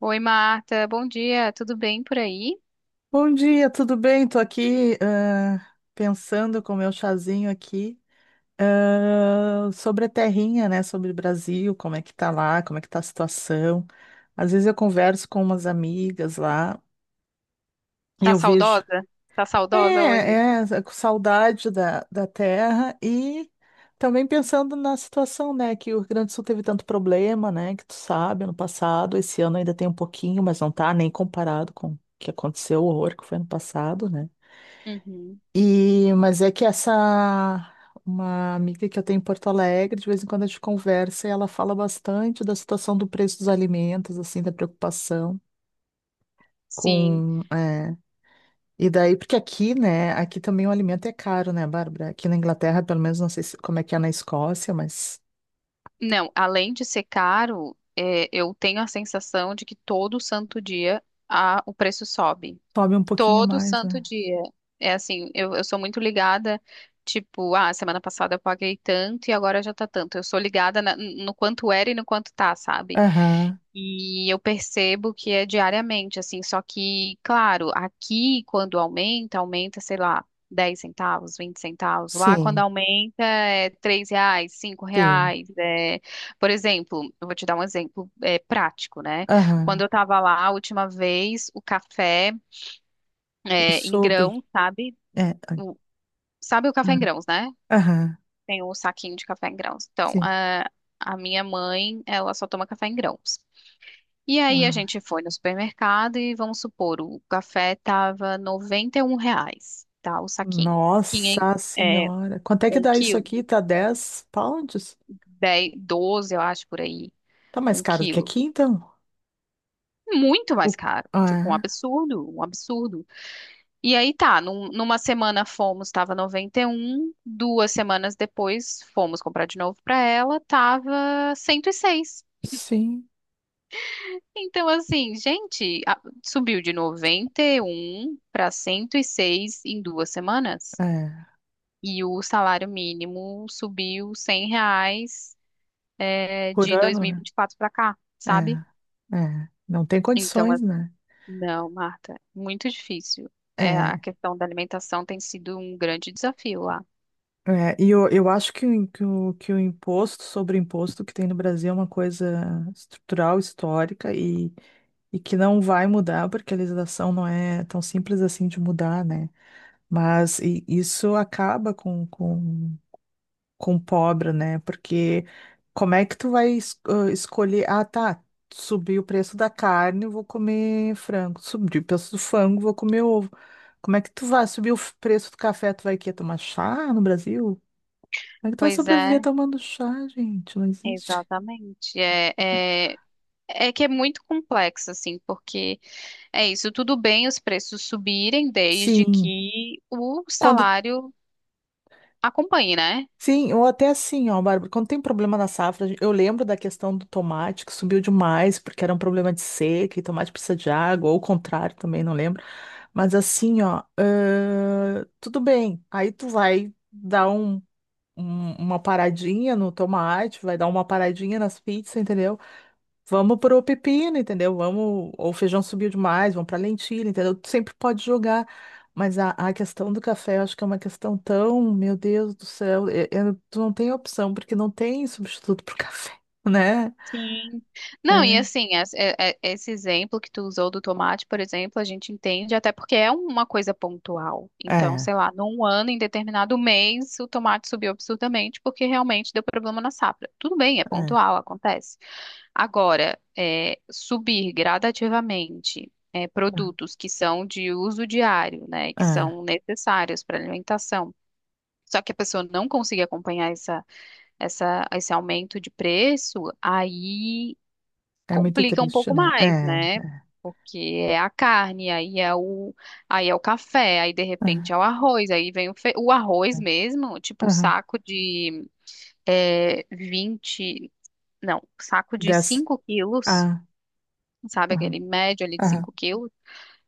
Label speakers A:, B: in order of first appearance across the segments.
A: Oi, Marta. Bom dia. Tudo bem por aí?
B: Bom dia, tudo bem? Tô aqui pensando com o meu chazinho aqui sobre a terrinha, né? Sobre o Brasil, como é que tá lá, como é que tá a situação. Às vezes eu converso com umas amigas lá e
A: Tá
B: eu vejo,
A: saudosa? Tá
B: é,
A: saudosa hoje?
B: é, é, com saudade da terra e também pensando na situação, né? Que o Rio Grande do Sul teve tanto problema, né? Que tu sabe, ano passado, esse ano ainda tem um pouquinho, mas não tá nem comparado com o que aconteceu, o horror que foi ano passado, né?
A: Uhum.
B: E, mas é que essa uma amiga que eu tenho em Porto Alegre, de vez em quando a gente conversa e ela fala bastante da situação do preço dos alimentos, assim, da preocupação
A: Sim.
B: com, e daí, porque aqui, né, aqui também o alimento é caro, né, Bárbara? Aqui na Inglaterra, pelo menos, não sei como é que é na Escócia, mas
A: Não, além de ser caro, eu tenho a sensação de que todo santo dia o preço sobe.
B: sobe um pouquinho
A: Todo
B: mais,
A: santo
B: né?
A: dia. É assim, eu sou muito ligada, tipo, semana passada eu paguei tanto e agora já tá tanto. Eu sou ligada no quanto era e no quanto tá, sabe?
B: Aham,
A: E eu percebo que é diariamente, assim, só que, claro, aqui quando aumenta, aumenta, sei lá, 10 centavos, 20 centavos. Lá quando
B: sim,
A: aumenta é 3 reais, 5
B: sim,
A: reais. É... Por exemplo, eu vou te dar um exemplo prático, né? Quando
B: aham,
A: eu tava lá a última vez, o café
B: eu
A: em grão,
B: soube,
A: sabe?
B: é,
A: O- sabe o café
B: ah,
A: em grãos, né?
B: aham,
A: Tem o saquinho de café em grãos. Então,
B: sim.
A: a minha mãe, ela só toma café em grãos. E aí a
B: Ah.
A: gente foi no supermercado e vamos supor, o café tava 91 reais, tá? O saquinho. Quinhen-
B: Nossa
A: é,
B: senhora. Quanto é que
A: um
B: dá isso
A: quilo,
B: aqui? Tá 10 pounds?
A: 10, 12 eu acho, por aí,
B: Tá mais
A: um
B: caro do que
A: quilo.
B: aqui, então?
A: Muito mais
B: O-
A: caro. Tipo, um
B: Ah, é.
A: absurdo, um absurdo. E aí tá, numa semana fomos, tava 91. Duas semanas depois fomos comprar de novo pra ela, tava 106.
B: Sim.
A: Então, assim, gente, subiu de 91 para 106 em duas semanas.
B: É.
A: E o salário mínimo subiu 100 reais,
B: Por
A: de dois
B: ano,
A: mil e
B: né?
A: vinte e quatro pra cá,
B: É.
A: sabe?
B: É. Não tem
A: Então, a-
B: condições, né?
A: não, Marta, muito difícil. É, a
B: É.
A: questão da alimentação tem sido um grande desafio lá.
B: É. E eu acho que, o imposto sobre o imposto que tem no Brasil é uma coisa estrutural, histórica e, que não vai mudar, porque a legislação não é tão simples assim de mudar, né? Mas isso acaba com, com pobre, né? Porque como é que tu vai escolher? Ah, tá. Subiu o preço da carne, eu vou comer frango. Subiu o preço do frango, vou comer ovo. Como é que tu vai subir o preço do café? Tu vai quê? Tomar chá no Brasil? Como é que tu vai
A: Pois
B: sobreviver
A: é.
B: tomando chá, gente? Não existe.
A: Exatamente. É, é que é muito complexo, assim, porque é isso, tudo bem os preços subirem desde
B: Sim.
A: que o
B: Quando.
A: salário acompanhe, né?
B: Sim, ou até assim, ó, Bárbara, quando tem problema na safra, eu lembro da questão do tomate que subiu demais, porque era um problema de seca e tomate precisa de água, ou o contrário também, não lembro. Mas assim, ó, tudo bem. Aí tu vai dar uma paradinha no tomate, vai dar uma paradinha nas pizzas, entendeu? Vamos pro pepino, entendeu? Vamos, ou o feijão subiu demais, vamos pra lentilha, entendeu? Tu sempre pode jogar. Mas a questão do café, eu acho que é uma questão tão, meu Deus do céu, tu não tem opção, porque não tem substituto pro café, né?
A: Sim. Não, e
B: É,
A: assim, esse exemplo que tu usou do tomate, por exemplo, a gente entende até porque é uma coisa pontual. Então,
B: é,
A: sei lá, num ano, em determinado mês, o tomate subiu absurdamente porque realmente deu problema na safra. Tudo bem, é
B: é,
A: pontual, acontece. Agora, subir gradativamente produtos que são de uso diário, né,
B: é,
A: que
B: é,
A: são necessários para alimentação. Só que a pessoa não conseguir acompanhar esse aumento de preço, aí
B: é muito
A: complica um
B: triste,
A: pouco
B: né? É,
A: mais, né?
B: é,
A: Porque é a carne, aí é o café, aí de repente é o arroz, aí vem o arroz
B: é.
A: mesmo, tipo o
B: É.
A: saco de 20, não, saco de
B: dessa
A: 5 quilos,
B: Ah,
A: sabe?
B: aham,
A: Aquele médio ali de
B: aham,
A: 5 quilos.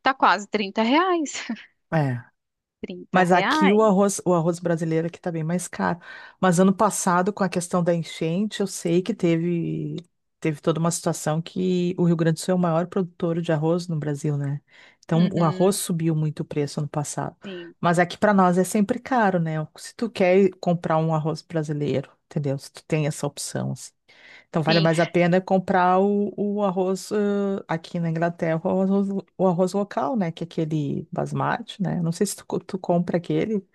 A: Tá quase 30 reais.
B: é.
A: 30
B: Mas aqui
A: reais?
B: o arroz brasileiro aqui tá bem mais caro. Mas ano passado, com a questão da enchente, eu sei que teve, teve toda uma situação que o Rio Grande do Sul é o maior produtor de arroz no Brasil, né? Então o arroz
A: Uhum,
B: subiu muito o preço ano passado.
A: sim.
B: Mas aqui para nós é sempre caro, né? Se tu quer comprar um arroz brasileiro, entendeu? Se tu tem essa opção, assim. Então vale
A: Sim,
B: mais a pena é comprar o arroz aqui na Inglaterra, o arroz local, né? Que é aquele basmati, né? Não sei se tu compra aquele.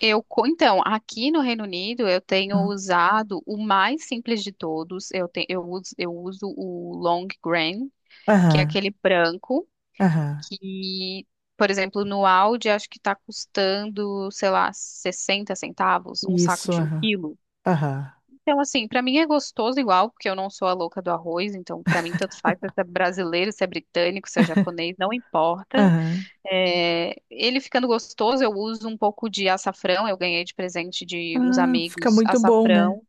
A: então, aqui no Reino Unido eu tenho
B: Não.
A: usado o mais simples de todos. Eu uso o Long Grain, que é
B: Aham,
A: aquele branco,
B: aham.
A: que, por exemplo, no Aldi acho que tá custando, sei lá, 60 centavos, um saco
B: Isso,
A: de um
B: aham,
A: quilo.
B: aham,
A: Então, assim, pra mim é gostoso igual, porque eu não sou a louca do arroz, então pra mim tanto faz se é brasileiro, se é britânico, se é japonês, não importa.
B: aham.
A: É, ele ficando gostoso, eu uso um pouco de açafrão, eu ganhei de presente de uns
B: Ah, fica
A: amigos
B: muito bom, né?
A: açafrão.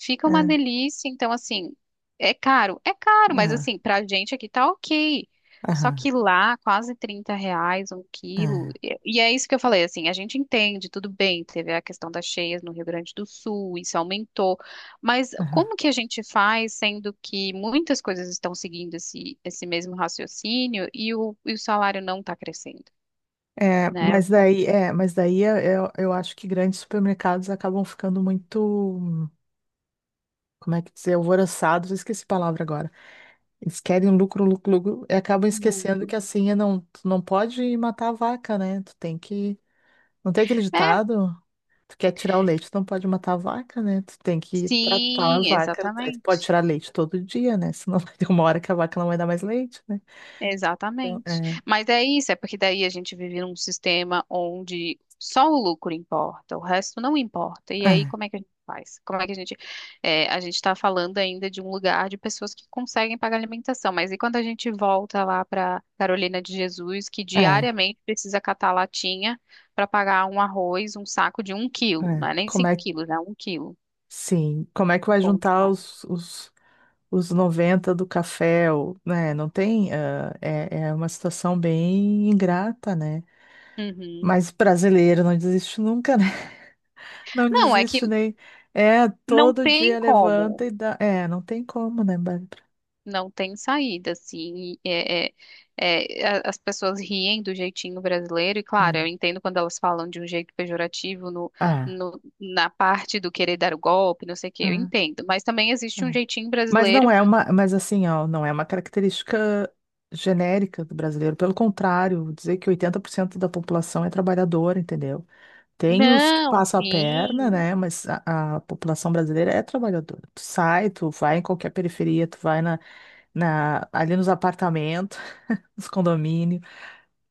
A: Fica uma
B: É,
A: delícia. Então, assim, é caro. É caro, mas
B: aham,
A: assim, pra gente aqui tá ok. Só
B: aham,
A: que lá, quase 30 reais um quilo.
B: é,
A: E é isso que eu falei, assim, a gente entende, tudo bem. Teve a questão das cheias no Rio Grande do Sul, isso aumentou. Mas
B: aham.
A: como que a gente faz, sendo que muitas coisas estão seguindo esse mesmo raciocínio e o salário não está crescendo,
B: É,
A: né?
B: mas
A: Então,
B: daí, eu acho que grandes supermercados acabam ficando muito, como é que dizer, alvoroçados, eu esqueci a palavra agora. Eles querem lucro, lucro, lucro, e acabam esquecendo
A: Hum.
B: que assim, é não, tu não pode matar a vaca, né? Tu tem que. Não tem aquele
A: É,
B: ditado? Tu quer tirar o leite, tu não pode matar a vaca, né? Tu tem que tratar a
A: sim,
B: vaca. Aí tu pode
A: exatamente.
B: tirar leite todo dia, né? Senão vai ter uma hora que a vaca não vai dar mais leite, né? Então,
A: Exatamente.
B: é,
A: Mas é isso, é porque daí a gente vive num sistema onde só o lucro importa, o resto não importa. E aí, como é que a gente faz? Como é que a gente. É, a gente está falando ainda de um lugar de pessoas que conseguem pagar alimentação, mas e quando a gente volta lá para Carolina de Jesus, que
B: é, é,
A: diariamente precisa catar latinha para pagar um arroz, um saco de um quilo, não
B: é.
A: é nem cinco quilos, né? Um quilo.
B: Sim, como é que vai
A: Bom
B: juntar
A: demais.
B: os, os 90 do café, né? Não tem, ah, é, é uma situação bem ingrata, né?
A: Uhum.
B: Mas brasileiro não desiste nunca, né? Não
A: Não, é que
B: desiste nem. É,
A: não
B: todo
A: tem
B: dia
A: como.
B: levanta e dá. É, não tem como, né, Bárbara?
A: Não tem saída, assim. As pessoas riem do jeitinho brasileiro, e claro, eu
B: É.
A: entendo quando elas falam de um jeito pejorativo
B: Ah,
A: na parte do querer dar o golpe, não sei o quê, eu
B: ah,
A: entendo. Mas também existe um
B: ah.
A: jeitinho
B: Mas não
A: brasileiro.
B: é uma. Mas assim, ó, não é uma característica genérica do brasileiro. Pelo contrário, vou dizer que 80% da população é trabalhadora, entendeu? Tem os que
A: Não,
B: passam a perna,
A: sim,
B: né? Mas a população brasileira é trabalhadora. Tu sai, tu vai em qualquer periferia, tu vai ali nos apartamentos, nos condomínios.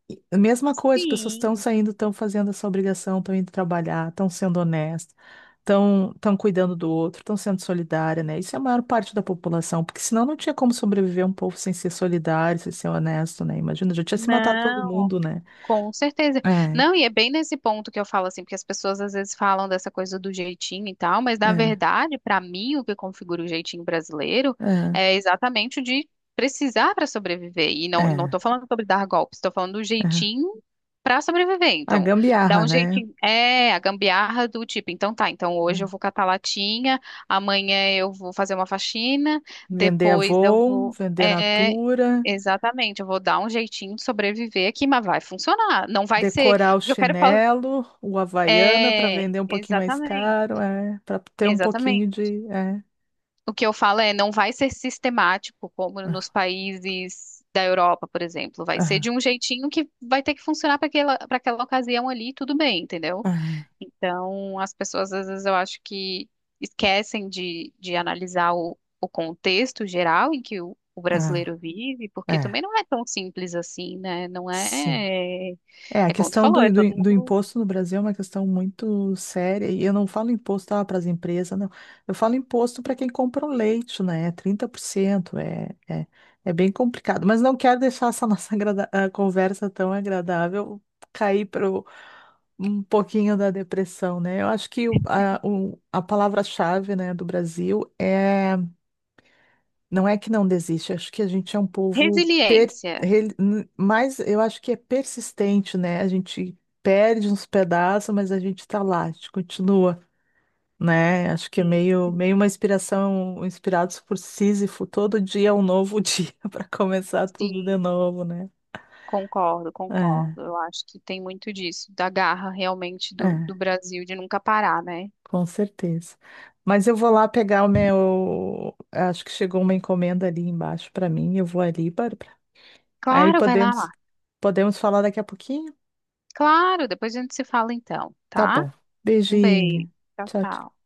B: E a mesma coisa, as pessoas estão
A: sim.
B: saindo, estão fazendo essa obrigação, estão indo trabalhar, estão sendo honestas, estão cuidando do outro, estão sendo solidária, né? Isso é a maior parte da população, porque senão não tinha como sobreviver um povo sem ser solidário, sem ser honesto, né? Imagina, já tinha se matado todo
A: Não,
B: mundo, né?
A: com certeza.
B: É,
A: Não, e é bem nesse ponto que eu falo assim, porque as pessoas às vezes falam dessa coisa do jeitinho e tal, mas na
B: é,
A: verdade, para mim, o que configura o jeitinho brasileiro
B: é,
A: é exatamente o de precisar para sobreviver. E não, não
B: é,
A: tô falando sobre dar golpes, estou falando do
B: é.
A: jeitinho para sobreviver.
B: A
A: Então, dá
B: gambiarra,
A: um
B: né?
A: jeitinho, é a gambiarra do tipo, então tá, então hoje eu
B: É.
A: vou catar latinha, amanhã eu vou fazer uma faxina,
B: Vender
A: depois eu
B: Avon,
A: vou.
B: vender
A: É,
B: Natura,
A: exatamente, eu vou dar um jeitinho de sobreviver aqui, mas vai funcionar. Não vai ser.
B: decorar o
A: O que eu quero falar.
B: chinelo, o Havaiana para
A: É,
B: vender um pouquinho mais
A: exatamente,
B: caro, é, para ter um pouquinho
A: exatamente.
B: de. É.
A: O que eu falo é, não vai ser sistemático, como nos
B: Ah,
A: países da Europa, por exemplo. Vai ser de
B: ah,
A: um jeitinho que vai ter que funcionar para aquela ocasião ali, tudo bem, entendeu?
B: ah,
A: Então, as pessoas, às vezes, eu acho que esquecem de analisar o contexto geral em que o
B: ah,
A: brasileiro vive, porque
B: é,
A: também não é tão simples assim, né? Não
B: sim.
A: é.
B: É, a
A: É como tu
B: questão do,
A: falou, é todo
B: do, do
A: mundo.
B: imposto no Brasil é uma questão muito séria. E eu não falo imposto para as empresas, não. Eu falo imposto para quem compra o leite, né? 30%. É, é, é bem complicado. Mas não quero deixar essa nossa conversa tão agradável cair para um pouquinho da depressão, né? Eu acho que a palavra-chave, né, do Brasil é. Não é que não desiste, acho que a gente é um povo
A: Resiliência.
B: mais, eu acho que é persistente, né? A gente perde uns pedaços, mas a gente tá lá, a gente continua, né? Acho que é
A: Sim,
B: meio,
A: sim,
B: meio uma inspiração, inspirados por Sísifo, todo dia é um novo dia para começar tudo de
A: sim,
B: novo, né?
A: concordo, concordo. Eu acho que tem muito disso, da garra realmente
B: É,
A: do
B: é,
A: Brasil de nunca parar, né?
B: com certeza. Mas eu vou lá pegar o meu, acho que chegou uma encomenda ali embaixo para mim, eu vou ali, Bárbara. Aí
A: Claro, vai lá,
B: podemos,
A: Mar.
B: podemos falar daqui a pouquinho?
A: Claro, depois a gente se fala então,
B: Tá
A: tá?
B: bom.
A: Um beijo.
B: Beijinho.
A: Tchau,
B: Tchau, tchau.
A: tchau.